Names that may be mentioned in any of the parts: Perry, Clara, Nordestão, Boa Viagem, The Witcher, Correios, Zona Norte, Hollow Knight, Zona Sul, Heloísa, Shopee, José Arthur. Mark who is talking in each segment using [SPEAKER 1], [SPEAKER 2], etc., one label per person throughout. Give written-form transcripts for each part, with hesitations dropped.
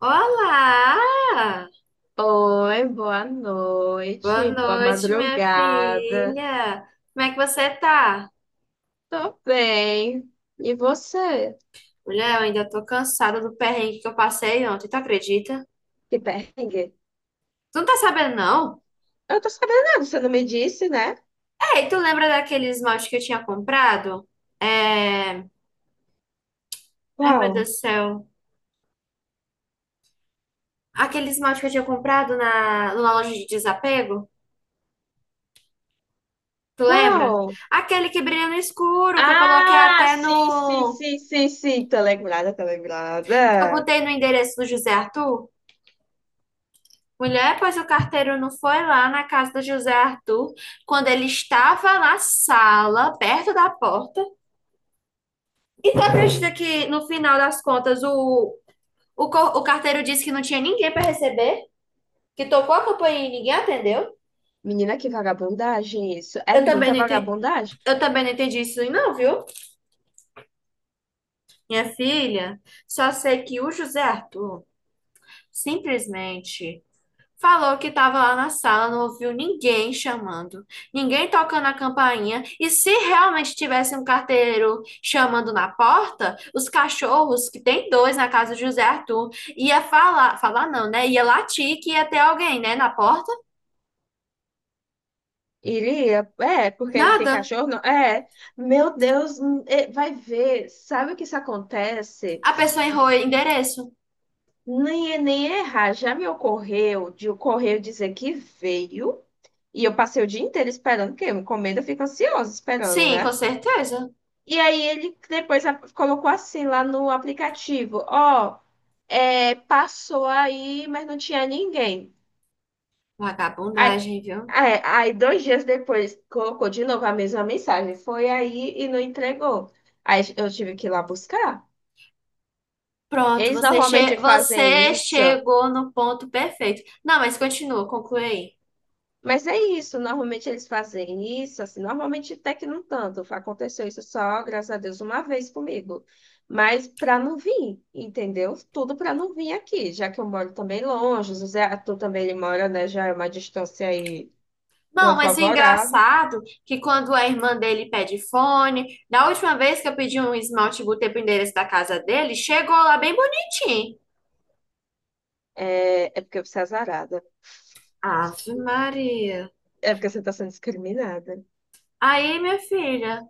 [SPEAKER 1] Olá!
[SPEAKER 2] Oi, boa
[SPEAKER 1] Boa
[SPEAKER 2] noite, boa
[SPEAKER 1] noite, minha
[SPEAKER 2] madrugada.
[SPEAKER 1] filha. Como é que você tá?
[SPEAKER 2] Tô bem. E você?
[SPEAKER 1] Mulher, eu ainda tô cansada do perrengue que eu passei ontem, tu acredita?
[SPEAKER 2] Que perrengue?
[SPEAKER 1] Tu não tá sabendo, não?
[SPEAKER 2] Eu tô sabendo nada, você não me disse, né?
[SPEAKER 1] Ei, tu lembra daquele esmalte que eu tinha comprado? É... Ai, meu Deus
[SPEAKER 2] Qual?
[SPEAKER 1] do céu. Aquele esmalte que eu tinha comprado numa loja de desapego? Tu lembra?
[SPEAKER 2] Qual?
[SPEAKER 1] Aquele que brilha no escuro, que eu coloquei
[SPEAKER 2] Ah,
[SPEAKER 1] até
[SPEAKER 2] sim, sim, sim, sim, sim. Tô lembrada, tô
[SPEAKER 1] que eu
[SPEAKER 2] lembrada.
[SPEAKER 1] botei no endereço do José Arthur? Mulher, pois o carteiro não foi lá na casa do José Arthur quando ele estava na sala, perto da porta. E tu acredita que no final das contas o carteiro disse que não tinha ninguém para receber? Que tocou a campainha e ninguém atendeu?
[SPEAKER 2] Menina, que vagabundagem isso. É
[SPEAKER 1] Eu também
[SPEAKER 2] muita
[SPEAKER 1] não entendi,
[SPEAKER 2] vagabundagem.
[SPEAKER 1] eu também não entendi isso aí não, viu? Minha filha, só sei que o José Arthur simplesmente falou que estava lá na sala, não ouviu ninguém chamando, ninguém tocando a campainha. E se realmente tivesse um carteiro chamando na porta, os cachorros, que tem dois na casa de José Arthur, ia falar, falar não, né? Ia latir que ia ter alguém, né, na porta.
[SPEAKER 2] Iria, é, porque ele tem
[SPEAKER 1] Nada.
[SPEAKER 2] cachorro, não? É. Meu Deus, é, vai ver. Sabe o que isso acontece?
[SPEAKER 1] A pessoa errou o endereço.
[SPEAKER 2] Nem, é, nem é errar. Já me ocorreu de o correio dizer que veio e eu passei o dia inteiro esperando, porque eu encomenda, eu fico ansiosa esperando,
[SPEAKER 1] Sim, com
[SPEAKER 2] né?
[SPEAKER 1] certeza.
[SPEAKER 2] E aí ele depois colocou assim lá no aplicativo: Ó, é, passou aí, mas não tinha ninguém. Aí,
[SPEAKER 1] Vagabundagem, viu?
[SPEAKER 2] aí, dois dias depois colocou de novo a mesma mensagem: Foi aí e não entregou. Aí eu tive que ir lá buscar.
[SPEAKER 1] Pronto,
[SPEAKER 2] Eles
[SPEAKER 1] você,
[SPEAKER 2] normalmente
[SPEAKER 1] che você
[SPEAKER 2] fazem isso.
[SPEAKER 1] chegou no ponto perfeito. Não, mas continua, conclui aí.
[SPEAKER 2] Mas é isso, normalmente eles fazem isso, assim, normalmente até que não tanto. Aconteceu isso só, graças a Deus, uma vez comigo. Mas para não vir, entendeu? Tudo para não vir aqui, já que eu moro também longe, o Zé Arthur também ele mora, né? Já é uma distância aí não
[SPEAKER 1] Não, mas o
[SPEAKER 2] favorável.
[SPEAKER 1] engraçado que quando a irmã dele pede fone, da última vez que eu pedi um esmalte botei pro endereço da casa dele, chegou lá bem bonitinho.
[SPEAKER 2] É, é porque você é azarada.
[SPEAKER 1] Ave Maria.
[SPEAKER 2] É porque você está sendo discriminada.
[SPEAKER 1] Aí, minha filha,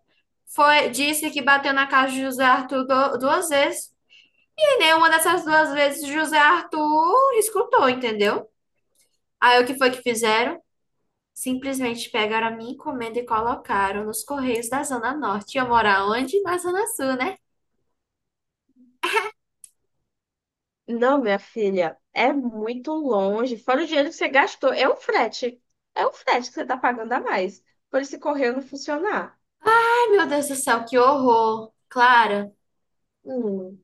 [SPEAKER 1] foi, disse que bateu na casa de José Arthur duas vezes. E nenhuma dessas duas vezes José Arthur escutou, entendeu? Aí o que foi que fizeram? Simplesmente pegaram a minha encomenda e colocaram nos Correios da Zona Norte. E eu moro onde? Na Zona Sul, né?
[SPEAKER 2] Não, minha filha, é muito longe. Fora o dinheiro que você gastou, é o frete. É o frete que você está pagando a mais. Por esse correio não funcionar.
[SPEAKER 1] Ai, meu Deus do céu, que horror! Clara,
[SPEAKER 2] Hum,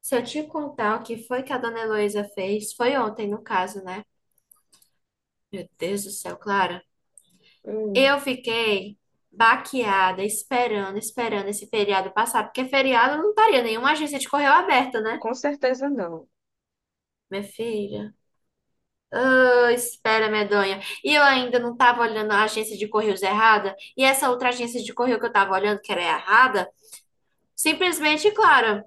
[SPEAKER 1] se eu te contar o que foi que a dona Heloísa fez, foi ontem no caso, né? Meu Deus do céu, Clara.
[SPEAKER 2] hum,
[SPEAKER 1] Eu fiquei baqueada, esperando, esperando esse feriado passar, porque feriado não estaria nenhuma agência de correio aberta, né?
[SPEAKER 2] com certeza não.
[SPEAKER 1] Minha filha. Ô, espera, medonha. E eu ainda não tava olhando a agência de correios errada, e essa outra agência de correio que eu tava olhando, que era errada, simplesmente, Clara,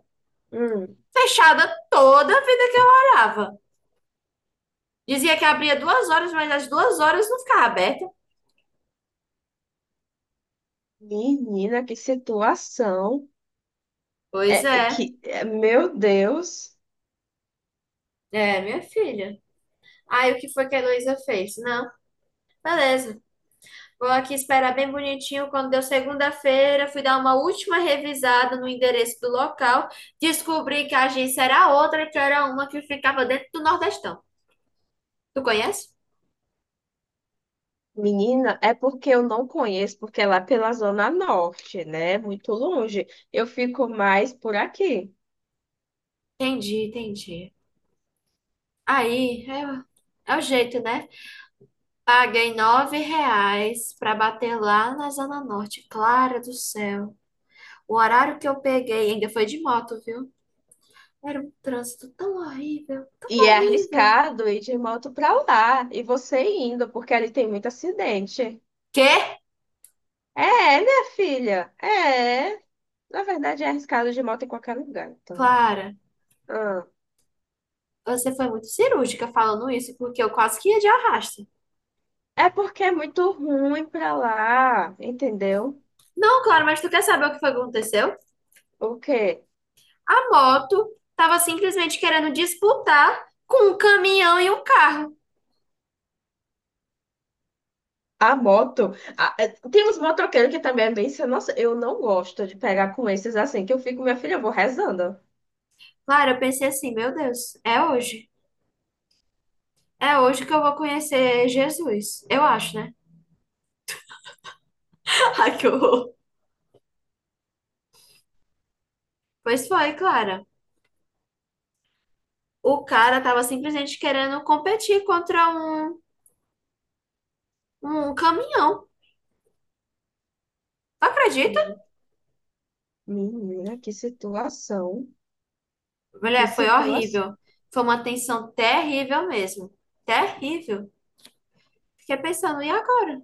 [SPEAKER 2] Hum.
[SPEAKER 1] fechada toda a vida que eu orava. Dizia que abria 2 horas, mas às 2 horas não ficava aberta.
[SPEAKER 2] Menina, que situação.
[SPEAKER 1] Pois
[SPEAKER 2] É, é
[SPEAKER 1] é.
[SPEAKER 2] que, é, meu Deus.
[SPEAKER 1] É, minha filha. Aí o que foi que a Heloísa fez? Não, beleza. Vou aqui esperar bem bonitinho. Quando deu segunda-feira, fui dar uma última revisada no endereço do local. Descobri que a agência era outra, que era uma que ficava dentro do Nordestão. Tu conhece?
[SPEAKER 2] Menina, é porque eu não conheço, porque é lá pela Zona Norte, né? Muito longe. Eu fico mais por aqui.
[SPEAKER 1] Entendi, entendi. Aí, é, é o jeito, né? Paguei R$ 9 pra bater lá na Zona Norte. Clara do céu. O horário que eu peguei ainda foi de moto, viu? Era um trânsito tão horrível, tão
[SPEAKER 2] E é
[SPEAKER 1] horrível.
[SPEAKER 2] arriscado ir de moto pra lá e você indo, porque ali tem muito acidente.
[SPEAKER 1] Quê?
[SPEAKER 2] É, minha filha, é. Na verdade, é arriscado de moto em qualquer lugar, então.
[SPEAKER 1] Clara,
[SPEAKER 2] Ah.
[SPEAKER 1] você foi muito cirúrgica falando isso, porque eu quase que ia de arrasto.
[SPEAKER 2] É porque é muito ruim pra lá, entendeu?
[SPEAKER 1] Não, Clara, mas tu quer saber o que foi que aconteceu?
[SPEAKER 2] O quê?
[SPEAKER 1] A moto tava simplesmente querendo disputar com um caminhão e um carro.
[SPEAKER 2] A moto. É, tem uns motoqueiros que também é bem. Sem Nossa, eu não gosto de pegar com esses assim, que eu fico, minha filha, eu vou rezando.
[SPEAKER 1] Clara, eu pensei assim, meu Deus, é hoje. É hoje que eu vou conhecer Jesus. Eu acho, né? Ai, que horror. Pois foi, Clara. O cara tava simplesmente querendo competir contra um um caminhão. Tu acredita?
[SPEAKER 2] Hum. Menina, que situação. Que
[SPEAKER 1] Mulher, foi
[SPEAKER 2] situação.
[SPEAKER 1] horrível. Foi uma tensão terrível mesmo. Terrível. Fiquei pensando, e agora?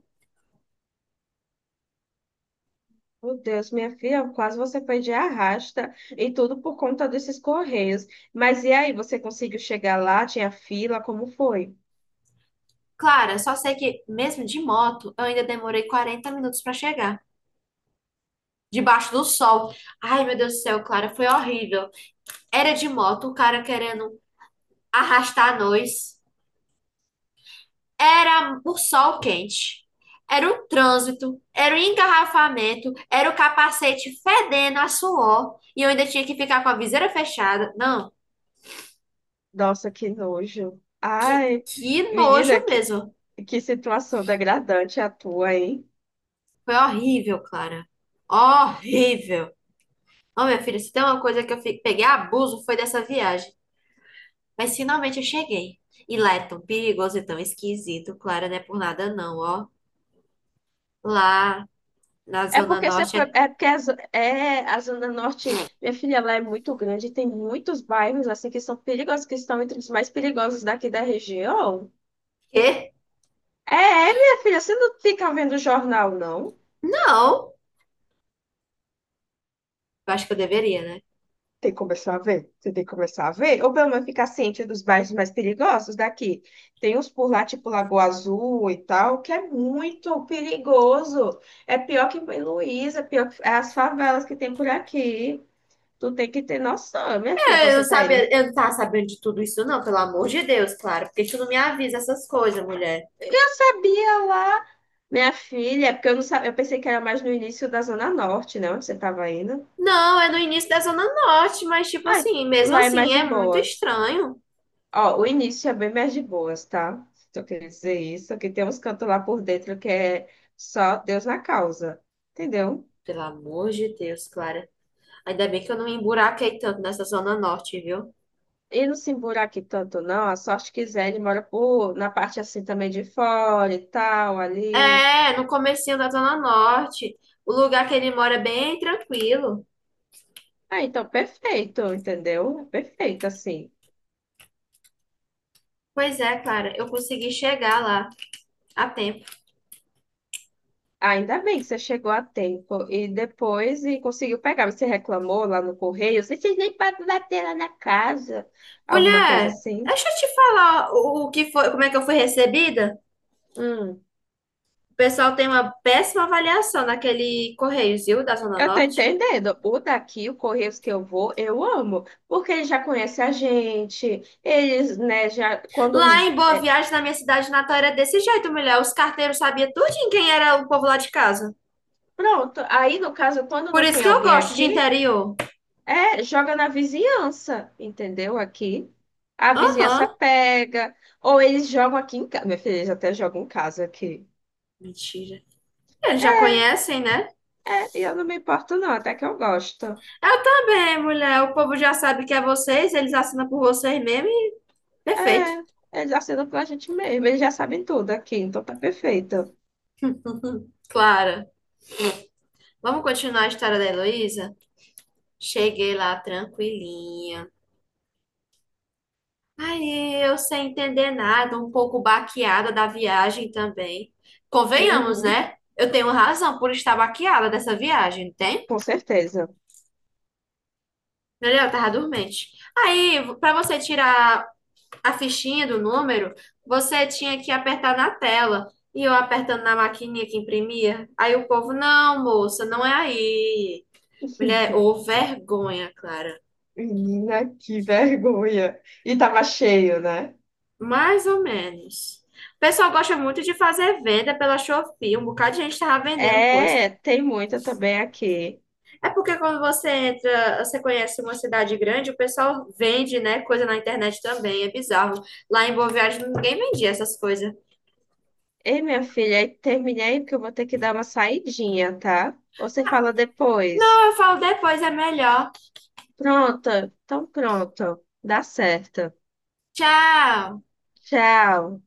[SPEAKER 2] Meu Deus, minha filha, quase você foi de arrasta e tudo por conta desses correios. Mas e aí, você conseguiu chegar lá? Tinha fila? Como foi?
[SPEAKER 1] Clara, só sei que mesmo de moto, eu ainda demorei 40 minutos para chegar. Debaixo do sol. Ai, meu Deus do céu, Clara, foi horrível. Era de moto, o cara querendo arrastar nós. Era o sol quente. Era o trânsito, era o engarrafamento, era o capacete fedendo a suor. E eu ainda tinha que ficar com a viseira fechada. Não,
[SPEAKER 2] Nossa, que nojo. Ai,
[SPEAKER 1] que
[SPEAKER 2] menina,
[SPEAKER 1] nojo mesmo.
[SPEAKER 2] que situação degradante a tua, hein?
[SPEAKER 1] Foi horrível, Clara. Horrível. Ô, minha filha, se tem uma coisa que eu peguei abuso foi dessa viagem. Mas finalmente eu cheguei. E lá é tão perigoso e tão esquisito, Clara, não é por nada não, ó. Lá na
[SPEAKER 2] É
[SPEAKER 1] Zona
[SPEAKER 2] porque você
[SPEAKER 1] Norte
[SPEAKER 2] foi.
[SPEAKER 1] é...
[SPEAKER 2] É porque a, é, a Zona Norte, minha filha, ela é muito grande e tem muitos bairros assim que são perigosos, que estão entre os mais perigosos daqui da região.
[SPEAKER 1] Quê?
[SPEAKER 2] É, minha filha, você não fica vendo jornal, não?
[SPEAKER 1] Não. Eu acho que eu deveria, né?
[SPEAKER 2] Tem que começar a ver. Você tem que começar a ver. Ou pelo menos ficar ciente dos bairros mais perigosos daqui. Tem uns por lá, tipo Lagoa Azul e tal, que é muito perigoso. É pior que em Luísa, é pior que é as favelas que tem por aqui. Tu tem que ter noção, minha filha, quando
[SPEAKER 1] Eu não
[SPEAKER 2] você tá indo.
[SPEAKER 1] sabia, eu não tava sabendo de tudo isso não, pelo amor de Deus, Clara. Porque tu não me avisa essas coisas, mulher?
[SPEAKER 2] Eu sabia lá, minha filha, porque eu não sabia, eu pensei que era mais no início da Zona Norte, né? Onde você tava indo.
[SPEAKER 1] Não, é no início da Zona Norte, mas tipo
[SPEAKER 2] Ai,
[SPEAKER 1] assim, mesmo
[SPEAKER 2] lá é mais
[SPEAKER 1] assim,
[SPEAKER 2] de
[SPEAKER 1] é muito
[SPEAKER 2] boas.
[SPEAKER 1] estranho.
[SPEAKER 2] Ó, o início é bem mais de boas, tá? Só queria dizer isso, que tem uns cantos lá por dentro que é só Deus na causa, entendeu?
[SPEAKER 1] Pelo amor de Deus, Clara. Ainda bem que eu não me emburaquei tanto nessa Zona Norte, viu?
[SPEAKER 2] E não se embura aqui tanto, não. A sorte quiser, ele mora por, na parte assim também de fora e tal, ali.
[SPEAKER 1] É, no comecinho da Zona Norte. O lugar que ele mora é bem tranquilo.
[SPEAKER 2] Ah, então perfeito, entendeu? Perfeito, assim.
[SPEAKER 1] Pois é, Clara, eu consegui chegar lá a tempo.
[SPEAKER 2] Ainda bem que você chegou a tempo e depois e conseguiu pegar. Você reclamou lá no correio, vocês nem podem bater lá na casa, alguma coisa
[SPEAKER 1] Mulher,
[SPEAKER 2] assim.
[SPEAKER 1] deixa eu te falar o que foi, como é que eu fui recebida.
[SPEAKER 2] Hum.
[SPEAKER 1] O pessoal tem uma péssima avaliação naquele Correios, viu, da Zona
[SPEAKER 2] Eu tô
[SPEAKER 1] Norte.
[SPEAKER 2] entendendo. O daqui, o Correios que eu vou, eu amo, porque ele já conhece a gente, eles, né, já quando
[SPEAKER 1] Lá
[SPEAKER 2] não...
[SPEAKER 1] em Boa Viagem, na minha cidade natal, era desse jeito, mulher. Os carteiros sabiam tudo em quem era o povo lá de casa.
[SPEAKER 2] Pronto, aí no caso, quando
[SPEAKER 1] Por
[SPEAKER 2] não
[SPEAKER 1] isso
[SPEAKER 2] tem
[SPEAKER 1] que eu
[SPEAKER 2] alguém
[SPEAKER 1] gosto de
[SPEAKER 2] aqui,
[SPEAKER 1] interior.
[SPEAKER 2] é, joga na vizinhança, entendeu? Aqui. A vizinhança
[SPEAKER 1] Aham,
[SPEAKER 2] pega, ou eles jogam aqui em casa. Minha filha, eles até jogam em casa aqui.
[SPEAKER 1] mentira. Eles já conhecem, né?
[SPEAKER 2] É, e eu não me importo não, até que eu gosto.
[SPEAKER 1] Eu também, mulher. O povo já sabe que é vocês, eles assinam por vocês mesmo e perfeito.
[SPEAKER 2] É, eles assinam pra gente mesmo, eles já sabem tudo aqui, então tá perfeito.
[SPEAKER 1] Clara, vamos continuar a história da Heloísa? Cheguei lá tranquilinha. Aí eu sem entender nada, um pouco baqueada da viagem também. Convenhamos,
[SPEAKER 2] Uhum,
[SPEAKER 1] né? Eu tenho razão por estar baqueada dessa viagem, não tem?
[SPEAKER 2] com certeza.
[SPEAKER 1] Mulher, eu tava dormente. Aí, pra você tirar a fichinha do número, você tinha que apertar na tela. E eu apertando na maquininha que imprimia. Aí o povo, não, moça, não é aí. Mulher, ô vergonha, Clara.
[SPEAKER 2] Menina, que vergonha. E tava cheio, né?
[SPEAKER 1] Mais ou menos. O pessoal gosta muito de fazer venda pela Shopee. Um bocado de gente tava vendendo coisa.
[SPEAKER 2] É, tem muita também aqui.
[SPEAKER 1] É porque quando você entra, você conhece uma cidade grande, o pessoal vende, né, coisa na internet também. É bizarro. Lá em Boa Viagem ninguém vendia essas coisas.
[SPEAKER 2] Ei, minha filha, aí terminei aí porque eu vou ter que dar uma saidinha, tá? Você fala depois.
[SPEAKER 1] Então, eu falo depois, é melhor.
[SPEAKER 2] Pronto, então pronto. Dá certo.
[SPEAKER 1] Tchau!
[SPEAKER 2] Tchau.